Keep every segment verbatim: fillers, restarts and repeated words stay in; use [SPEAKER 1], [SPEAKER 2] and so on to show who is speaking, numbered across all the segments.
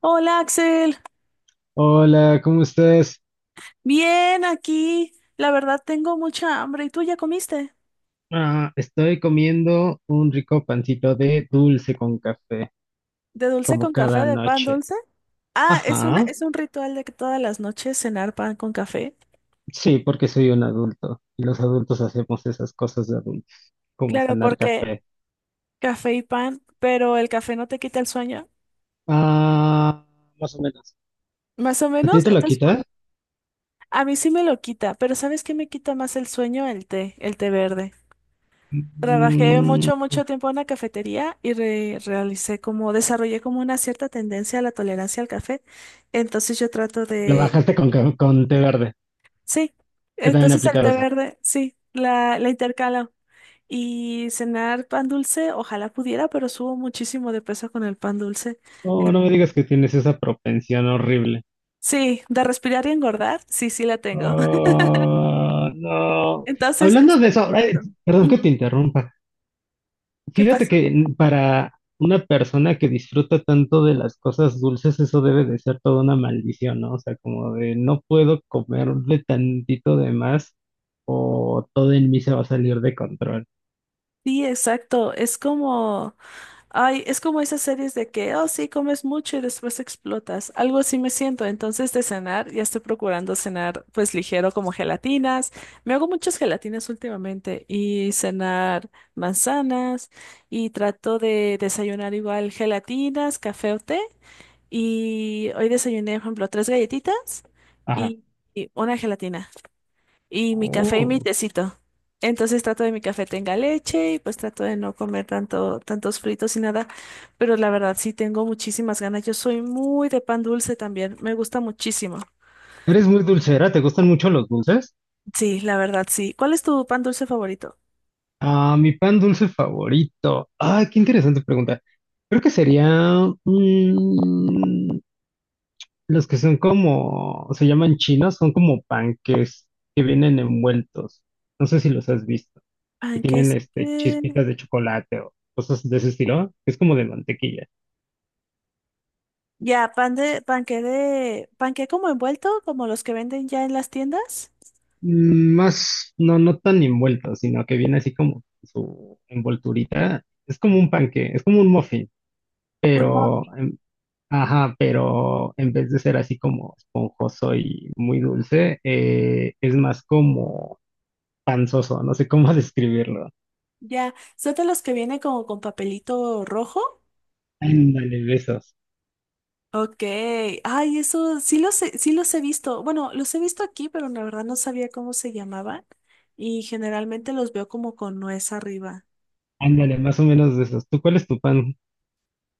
[SPEAKER 1] Hola, Axel,
[SPEAKER 2] Hola, ¿cómo estás?
[SPEAKER 1] bien aquí. La verdad tengo mucha hambre. ¿Y tú ya comiste?
[SPEAKER 2] Ah, estoy comiendo un rico pancito de dulce con café,
[SPEAKER 1] ¿De dulce
[SPEAKER 2] como
[SPEAKER 1] con café,
[SPEAKER 2] cada
[SPEAKER 1] de pan
[SPEAKER 2] noche.
[SPEAKER 1] dulce? Ah, es una,
[SPEAKER 2] Ajá,
[SPEAKER 1] es un ritual de que todas las noches cenar pan con café.
[SPEAKER 2] sí, porque soy un adulto y los adultos hacemos esas cosas de adultos, como
[SPEAKER 1] Claro,
[SPEAKER 2] cenar
[SPEAKER 1] porque
[SPEAKER 2] café.
[SPEAKER 1] café y pan, pero el café no te quita el sueño.
[SPEAKER 2] Ah, más o menos.
[SPEAKER 1] Más o
[SPEAKER 2] ¿A ti
[SPEAKER 1] menos,
[SPEAKER 2] te lo
[SPEAKER 1] entonces, por-
[SPEAKER 2] quita?
[SPEAKER 1] a mí sí me lo quita, pero ¿sabes qué me quita más el sueño? El té, el té verde. Trabajé
[SPEAKER 2] Mm,
[SPEAKER 1] mucho, mucho tiempo en una cafetería y re- realicé como, desarrollé como una cierta tendencia a la tolerancia al café. Entonces yo trato
[SPEAKER 2] lo
[SPEAKER 1] de
[SPEAKER 2] bajaste con, ca- con té verde.
[SPEAKER 1] Sí,
[SPEAKER 2] Yo también he
[SPEAKER 1] entonces el
[SPEAKER 2] aplicado
[SPEAKER 1] té
[SPEAKER 2] esa.
[SPEAKER 1] verde, sí, la, la intercalo. Y cenar pan dulce, ojalá pudiera, pero subo muchísimo de peso con el pan dulce.
[SPEAKER 2] No,
[SPEAKER 1] Eh,
[SPEAKER 2] no me digas que tienes esa propensión horrible.
[SPEAKER 1] sí, de respirar y engordar, sí, sí la tengo.
[SPEAKER 2] Ah, no.
[SPEAKER 1] Entonces
[SPEAKER 2] Hablando de
[SPEAKER 1] estoy
[SPEAKER 2] eso, eh,
[SPEAKER 1] tratando.
[SPEAKER 2] perdón que
[SPEAKER 1] Ujú.
[SPEAKER 2] te interrumpa.
[SPEAKER 1] ¿Qué
[SPEAKER 2] Fíjate
[SPEAKER 1] pasa?
[SPEAKER 2] que n- para una persona que disfruta tanto de las cosas dulces, eso debe de ser toda una maldición, ¿no? O sea, como de no puedo comerle tantito de más o todo en mí se va a salir de control.
[SPEAKER 1] Sí, exacto. Es como Ay, es como esas series de que, oh, sí, comes mucho y después explotas. Algo así me siento. Entonces, de cenar, ya estoy procurando cenar, pues ligero, como gelatinas. Me hago muchas gelatinas últimamente y cenar manzanas, y trato de desayunar igual gelatinas, café o té. Y hoy desayuné, por ejemplo, tres galletitas
[SPEAKER 2] Ajá.
[SPEAKER 1] y, y una gelatina y mi café y mi
[SPEAKER 2] Oh.
[SPEAKER 1] tecito. Entonces trato de mi café tenga leche, y pues trato de no comer tanto, tantos fritos y nada. Pero la verdad sí tengo muchísimas ganas. Yo soy muy de pan dulce también. Me gusta muchísimo.
[SPEAKER 2] Eres muy dulcera, ¿te gustan mucho los dulces?
[SPEAKER 1] Sí, la verdad sí. ¿Cuál es tu pan dulce favorito?
[SPEAKER 2] Ah, mi pan dulce favorito. Ah, qué interesante pregunta. Creo que sería... mm, los que son como, se llaman chinos, son como panques que vienen envueltos. No sé si los has visto. Que
[SPEAKER 1] Panques.
[SPEAKER 2] tienen este
[SPEAKER 1] eh,
[SPEAKER 2] chispitas de chocolate o cosas de ese estilo. Es como de mantequilla.
[SPEAKER 1] Ya, pan de, panque de, panque como envuelto, como los que venden ya en las tiendas.
[SPEAKER 2] Mm, Más, no, no tan envueltos, sino que viene así como su envolturita. Es como un panque, es como un muffin,
[SPEAKER 1] Un
[SPEAKER 2] pero,
[SPEAKER 1] muffin.
[SPEAKER 2] em, ajá, pero en vez de ser así como esponjoso y muy dulce, eh, es más como panzoso. No sé cómo describirlo.
[SPEAKER 1] Ya, ¿son de los que vienen como con papelito rojo?
[SPEAKER 2] Ándale, de esos.
[SPEAKER 1] Ok, ay, eso sí los he, sí los he visto. Bueno, los he visto aquí, pero la verdad no sabía cómo se llamaban, y generalmente los veo como con nuez arriba.
[SPEAKER 2] Ándale, más o menos de esos. ¿Tú cuál es tu pan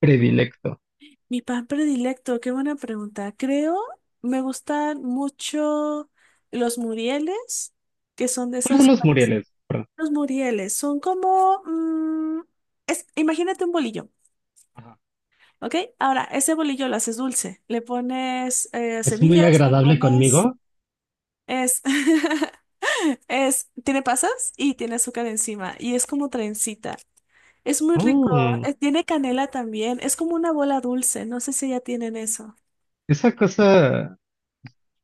[SPEAKER 2] predilecto?
[SPEAKER 1] Mi pan predilecto, qué buena pregunta. Creo me gustan mucho los murieles, que son de
[SPEAKER 2] ¿Cuáles son
[SPEAKER 1] esos.
[SPEAKER 2] los murieles? Perdón.
[SPEAKER 1] Los murieles, son como, mm, es, imagínate un bolillo.
[SPEAKER 2] Ajá.
[SPEAKER 1] ¿Ok? Ahora, ese bolillo lo haces dulce, le pones eh,
[SPEAKER 2] ¿Es muy
[SPEAKER 1] semillas, le
[SPEAKER 2] agradable
[SPEAKER 1] pones
[SPEAKER 2] conmigo?
[SPEAKER 1] es Es, tiene pasas y tiene azúcar encima y es como trencita. Es muy rico.
[SPEAKER 2] Mm,
[SPEAKER 1] eh, Tiene canela también. Es como una bola dulce. No sé si ya tienen eso.
[SPEAKER 2] esa cosa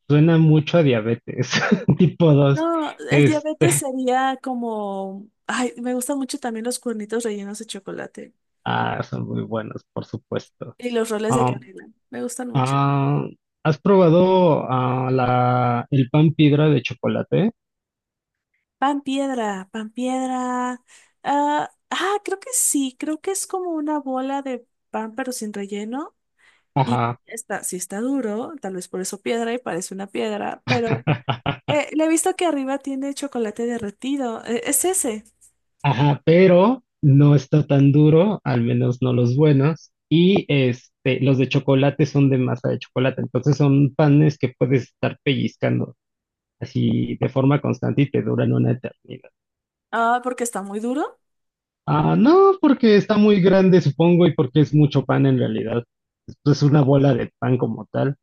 [SPEAKER 2] suena mucho a diabetes, tipo dos.
[SPEAKER 1] No, el diabetes
[SPEAKER 2] Este,
[SPEAKER 1] sería como. Ay, me gustan mucho también los cuernitos rellenos de chocolate
[SPEAKER 2] ah, son muy buenos, por supuesto.
[SPEAKER 1] y los roles de
[SPEAKER 2] Ah,
[SPEAKER 1] canela. Me gustan mucho.
[SPEAKER 2] ah, ¿has probado ah, la, el pan piedra de chocolate?
[SPEAKER 1] Pan piedra, pan piedra. Ah, ah, creo que sí. Creo que es como una bola de pan pero sin relleno. Y
[SPEAKER 2] Ajá.
[SPEAKER 1] está, sí está duro, tal vez por eso piedra, y parece una piedra, pero. Eh, le he visto que arriba tiene chocolate derretido. Eh, ¿es ese?
[SPEAKER 2] Ajá, pero no está tan duro, al menos no los buenos. Y este, los de chocolate son de masa de chocolate, entonces son panes que puedes estar pellizcando así de forma constante y te duran una eternidad.
[SPEAKER 1] Ah, porque está muy duro.
[SPEAKER 2] Ah, no, porque está muy grande, supongo, y porque es mucho pan en realidad. Esto es una bola de pan como tal.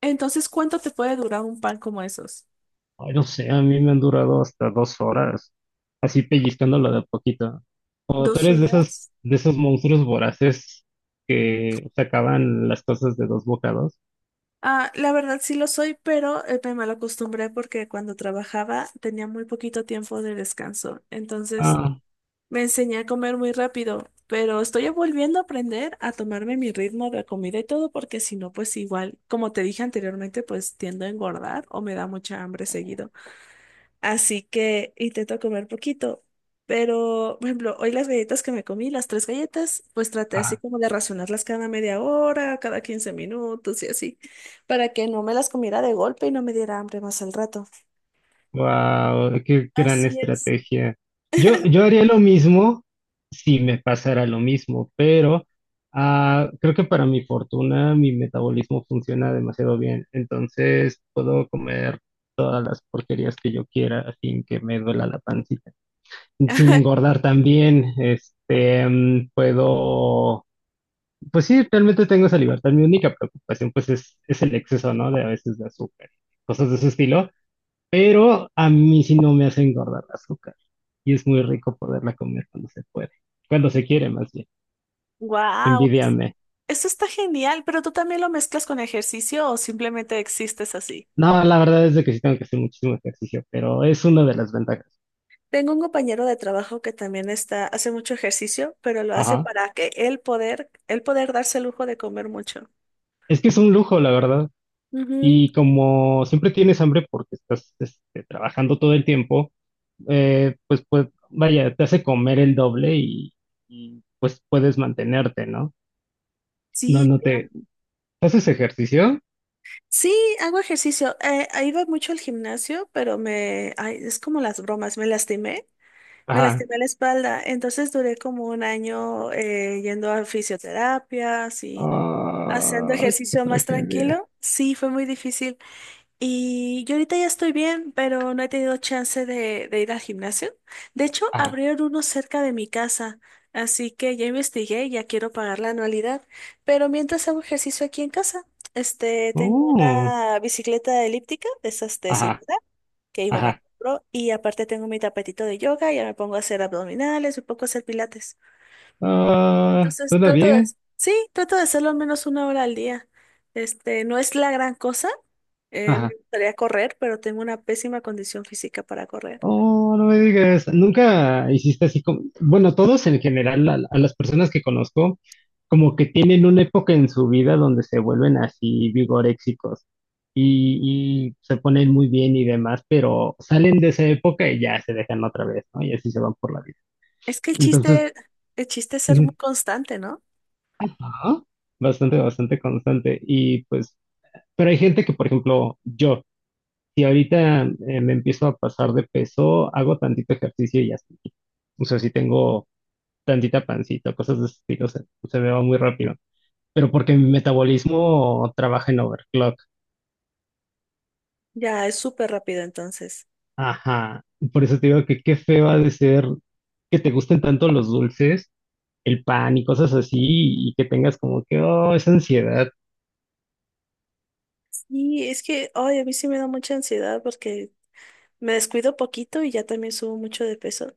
[SPEAKER 1] Entonces, ¿cuánto te puede durar un pan como esos?
[SPEAKER 2] Ay, no sé, a mí me han durado hasta dos horas, así pellizcándolo de a poquito. O tú
[SPEAKER 1] ¿Dos
[SPEAKER 2] eres de esos,
[SPEAKER 1] horas?
[SPEAKER 2] de esos monstruos voraces que se acaban las cosas de dos bocados.
[SPEAKER 1] Ah, la verdad sí lo soy, pero eh, me mal acostumbré porque cuando trabajaba tenía muy poquito tiempo de descanso. Entonces,
[SPEAKER 2] Ah,
[SPEAKER 1] me enseñé a comer muy rápido, pero estoy volviendo a aprender a tomarme mi ritmo de comida y todo porque si no, pues igual, como te dije anteriormente, pues tiendo a engordar o me da mucha hambre seguido. Así que intento comer poquito. Pero, por ejemplo, hoy las galletas que me comí, las tres galletas, pues traté así
[SPEAKER 2] ah,
[SPEAKER 1] como de racionarlas cada media hora, cada quince minutos y así, para que no me las comiera de golpe y no me diera hambre más al rato.
[SPEAKER 2] wow, qué gran
[SPEAKER 1] Así es.
[SPEAKER 2] estrategia. Yo, yo haría lo mismo si me pasara lo mismo, pero ah, creo que para mi fortuna mi metabolismo funciona demasiado bien, entonces puedo comer todas las porquerías que yo quiera sin que me duela la pancita. Sin engordar también, este, mm, puedo pues sí, realmente tengo esa libertad. Mi única preocupación, pues, es, es el exceso, ¿no? De a veces de azúcar, cosas de ese estilo. Pero a mí sí no me hace engordar el azúcar. Y es muy rico poderla comer cuando se puede. Cuando se quiere, más bien.
[SPEAKER 1] Wow,
[SPEAKER 2] Envidiame.
[SPEAKER 1] eso está genial, pero tú también lo mezclas con ejercicio o simplemente existes así.
[SPEAKER 2] No, la verdad es de que sí tengo que hacer muchísimo ejercicio, pero es una de las ventajas.
[SPEAKER 1] Tengo un compañero de trabajo que también está, hace mucho ejercicio, pero lo hace
[SPEAKER 2] Ajá.
[SPEAKER 1] para que él poder, él poder darse el lujo de comer mucho.
[SPEAKER 2] Es que es un lujo, la verdad. Y como siempre tienes hambre porque estás este, trabajando todo el tiempo, eh, pues, pues vaya, te hace comer el doble y, y, pues puedes mantenerte, ¿no? No,
[SPEAKER 1] Sí,
[SPEAKER 2] no te... ¿Haces ejercicio?
[SPEAKER 1] sí, hago ejercicio. Eh, eh, iba mucho al gimnasio, pero me, ay, es como las bromas, me lastimé, me
[SPEAKER 2] Ajá.
[SPEAKER 1] lastimé la espalda. Entonces duré como un año eh, yendo a fisioterapias y haciendo
[SPEAKER 2] Ay, qué
[SPEAKER 1] ejercicio más
[SPEAKER 2] tragedia.
[SPEAKER 1] tranquilo. Sí, fue muy difícil. Y yo ahorita ya estoy bien, pero no he tenido chance de, de ir al gimnasio. De hecho,
[SPEAKER 2] Ajá.
[SPEAKER 1] abrieron uno cerca de mi casa, así que ya investigué y ya quiero pagar la anualidad. Pero mientras hago ejercicio aquí en casa, este, tengo
[SPEAKER 2] Oh,
[SPEAKER 1] una bicicleta elíptica, de esas de
[SPEAKER 2] ajá,
[SPEAKER 1] señora, que mi mamá
[SPEAKER 2] ajá.
[SPEAKER 1] compró, y aparte tengo mi tapetito de yoga, ya me pongo a hacer abdominales, me pongo a hacer pilates.
[SPEAKER 2] Ah,
[SPEAKER 1] Entonces
[SPEAKER 2] suena
[SPEAKER 1] trato de,
[SPEAKER 2] bien.
[SPEAKER 1] sí, trato de hacerlo al menos una hora al día. Este, no es la gran cosa. eh, me
[SPEAKER 2] Ajá.
[SPEAKER 1] gustaría correr, pero tengo una pésima condición física para correr.
[SPEAKER 2] Oh, no me digas, nunca hiciste así como, bueno, todos en general, a, a las personas que conozco, como que tienen una época en su vida donde se vuelven así vigoréxicos y, y se ponen muy bien y demás, pero salen de esa época y ya se dejan otra vez, ¿no? Y así se van por la vida.
[SPEAKER 1] Es que el
[SPEAKER 2] Entonces,
[SPEAKER 1] chiste, el chiste es ser muy
[SPEAKER 2] mm,
[SPEAKER 1] constante, ¿no?
[SPEAKER 2] ajá, bastante, bastante constante. Y pues, pero hay gente que, por ejemplo, yo, si ahorita eh, me empiezo a pasar de peso, hago tantito ejercicio y ya estoy. O sea, si tengo tantita pancita, cosas de ese estilo, se, se me va muy rápido. Pero porque mi metabolismo trabaja en overclock.
[SPEAKER 1] Ya, es súper rápido entonces.
[SPEAKER 2] Ajá. Por eso te digo que qué feo ha de ser que te gusten tanto los dulces, el pan y cosas así, y que tengas como que, oh, esa ansiedad.
[SPEAKER 1] Y es que, ay, a mí sí me da mucha ansiedad porque me descuido poquito y ya también subo mucho de peso.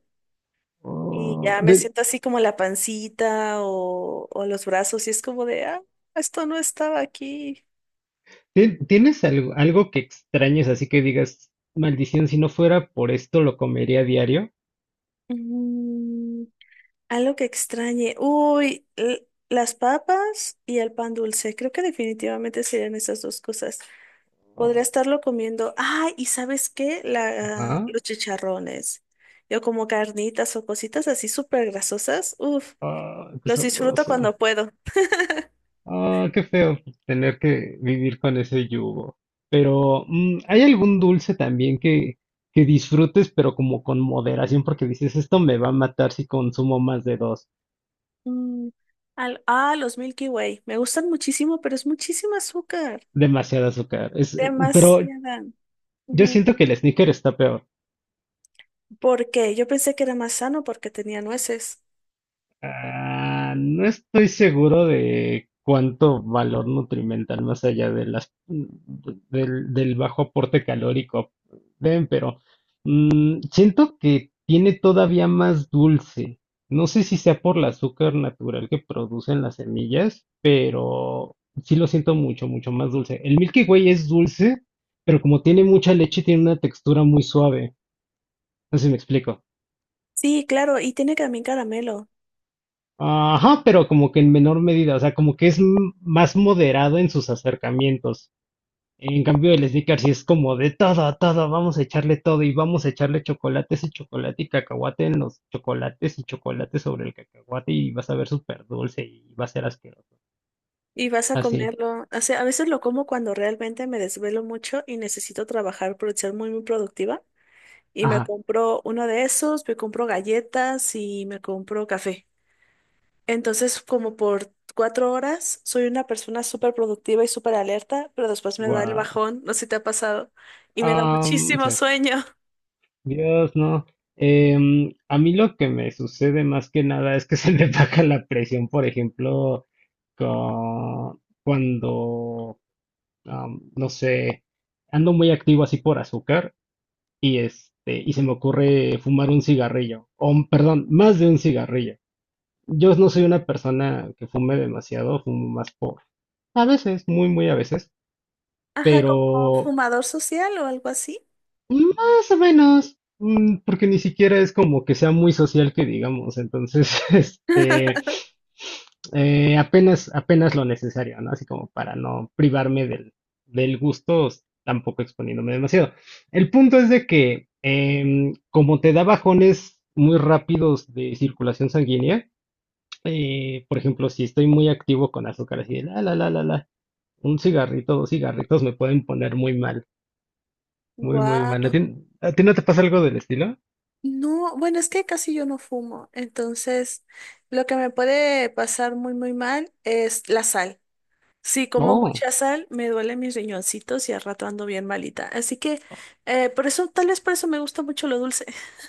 [SPEAKER 1] Y
[SPEAKER 2] Oh,
[SPEAKER 1] ya me
[SPEAKER 2] de-
[SPEAKER 1] siento así como la pancita o, o los brazos y es como de, ah, esto no estaba aquí.
[SPEAKER 2] ¿tien- ¿tienes algo, algo que extrañes así que digas, maldición, si no fuera por esto lo comería a diario?
[SPEAKER 1] Mm, Algo que extrañe. Uy, l- las papas y el pan dulce. Creo que definitivamente serían esas dos cosas. Podría
[SPEAKER 2] Oh,
[SPEAKER 1] estarlo comiendo. Ah, ¿y sabes qué? La,
[SPEAKER 2] ajá.
[SPEAKER 1] los chicharrones. Yo como carnitas o cositas así súper grasosas. Uf,
[SPEAKER 2] Ah, qué
[SPEAKER 1] los disfruto
[SPEAKER 2] sabroso.
[SPEAKER 1] cuando puedo.
[SPEAKER 2] Ah, qué feo tener que vivir con ese yugo. Pero, mm, ¿hay algún dulce también que, que disfrutes, pero como con moderación? Porque dices, esto me va a matar si consumo más de dos,
[SPEAKER 1] Mm, al- ah, los Milky Way. Me gustan muchísimo, pero es muchísimo azúcar.
[SPEAKER 2] demasiado azúcar. Es, pero
[SPEAKER 1] Demasiada.
[SPEAKER 2] yo
[SPEAKER 1] Ujú.
[SPEAKER 2] siento que el sneaker está peor.
[SPEAKER 1] ¿Por qué? Yo pensé que era más sano porque tenía nueces.
[SPEAKER 2] Ah, no estoy seguro de cuánto valor nutrimental más allá de las, del, del bajo aporte calórico den, pero. Mm, Siento que tiene todavía más dulce. No sé si sea por el azúcar natural que producen las semillas. Sí lo siento mucho, mucho más dulce. El Milky Way es dulce, pero como tiene mucha leche, tiene una textura muy suave. No sé si me explico.
[SPEAKER 1] Sí, claro, y tiene también caramelo.
[SPEAKER 2] Ajá, pero como que en menor medida, o sea, como que es m- más moderado en sus acercamientos. En cambio, el Snickers sí es como de todo, todo, vamos a echarle todo y vamos a echarle chocolates y chocolate y cacahuate en los chocolates y chocolate sobre el cacahuate y vas a ver súper dulce y va a ser asqueroso.
[SPEAKER 1] Y vas a
[SPEAKER 2] Así,
[SPEAKER 1] comerlo. O sea, a veces lo como cuando realmente me desvelo mucho y necesito trabajar por ser muy, muy productiva. Y me
[SPEAKER 2] ajá,
[SPEAKER 1] compro uno de esos, me compro galletas y me compro café. Entonces, como por cuatro horas, soy una persona súper productiva y súper alerta, pero después me da el
[SPEAKER 2] wow.
[SPEAKER 1] bajón, no sé si te ha pasado, y me da
[SPEAKER 2] Am,
[SPEAKER 1] muchísimo
[SPEAKER 2] sí,
[SPEAKER 1] sueño.
[SPEAKER 2] Dios, no. Em, a mí lo que me sucede más que nada es que se me baja la presión, por ejemplo, con- cuando, am, no sé, ando muy activo así por azúcar. Y este, y se me ocurre fumar un cigarrillo, o un- perdón, más de un cigarrillo. Yo no soy una persona que fume demasiado, fumo más por, a veces, muy, muy a veces,
[SPEAKER 1] Ajá, como
[SPEAKER 2] pero
[SPEAKER 1] fumador social o algo así.
[SPEAKER 2] más o menos, mm, porque ni siquiera es como que sea muy social que digamos, entonces, este, eh, apenas, apenas lo necesario, ¿no? Así como para no privarme del, del gusto, s- tampoco exponiéndome demasiado. El punto es de que, em, como te da bajones muy rápidos de circulación sanguínea, eh, por ejemplo, si estoy muy activo con azúcar, así de la, la, la, la, la, un cigarrito, dos cigarritos me pueden poner muy mal. Muy, muy mal. ¿A
[SPEAKER 1] Wow.
[SPEAKER 2] ti, a ti no te pasa algo del estilo?
[SPEAKER 1] No, bueno, es que casi yo no fumo, entonces lo que me puede pasar muy, muy mal es la sal. Si como
[SPEAKER 2] Oh,
[SPEAKER 1] mucha sal, me duelen mis riñoncitos y al rato ando bien malita. Así que eh, por eso, tal vez por eso me gusta mucho lo dulce.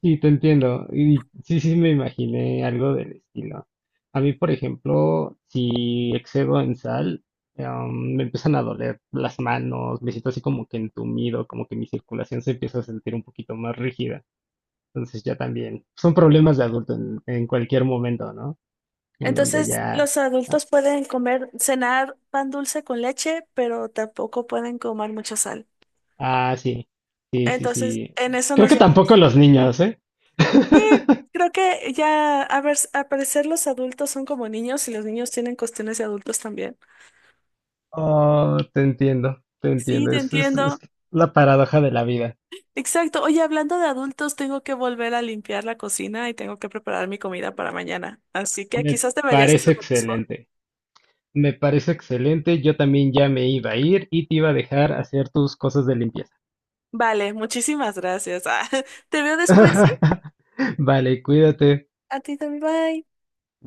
[SPEAKER 2] sí, te entiendo. Y sí, sí, me imaginé algo del estilo. A mí, por ejemplo, si excedo en sal, em, me empiezan a doler las manos, me siento así como que entumido, como que mi circulación se empieza a sentir un poquito más rígida. Entonces ya también son problemas de adulto en, en cualquier momento, ¿no? En donde
[SPEAKER 1] Entonces,
[SPEAKER 2] ya...
[SPEAKER 1] los
[SPEAKER 2] Ah,
[SPEAKER 1] adultos pueden comer, cenar pan dulce con leche, pero tampoco pueden comer mucha sal.
[SPEAKER 2] ah, sí, sí, sí,
[SPEAKER 1] Entonces,
[SPEAKER 2] sí.
[SPEAKER 1] en eso
[SPEAKER 2] Creo
[SPEAKER 1] nos
[SPEAKER 2] que tampoco
[SPEAKER 1] llevamos.
[SPEAKER 2] los niños, ¿eh?
[SPEAKER 1] Sí, creo que ya, a ver, al parecer los adultos son como niños, y los niños tienen cuestiones de adultos también.
[SPEAKER 2] Oh, te entiendo, te
[SPEAKER 1] Sí,
[SPEAKER 2] entiendo.
[SPEAKER 1] te
[SPEAKER 2] Es, es, es
[SPEAKER 1] entiendo.
[SPEAKER 2] la paradoja de la vida.
[SPEAKER 1] Exacto. Oye, hablando de adultos, tengo que volver a limpiar la cocina y tengo que preparar mi comida para mañana. Así que
[SPEAKER 2] Me
[SPEAKER 1] quizás deberías
[SPEAKER 2] parece
[SPEAKER 1] hacer lo mismo.
[SPEAKER 2] excelente. Me parece excelente. Yo también ya me iba a ir y te iba a dejar hacer tus cosas de limpieza.
[SPEAKER 1] Vale, muchísimas gracias. Ah, te veo después, ¿sí?
[SPEAKER 2] Vale, cuídate.
[SPEAKER 1] A ti también, bye.
[SPEAKER 2] Bye.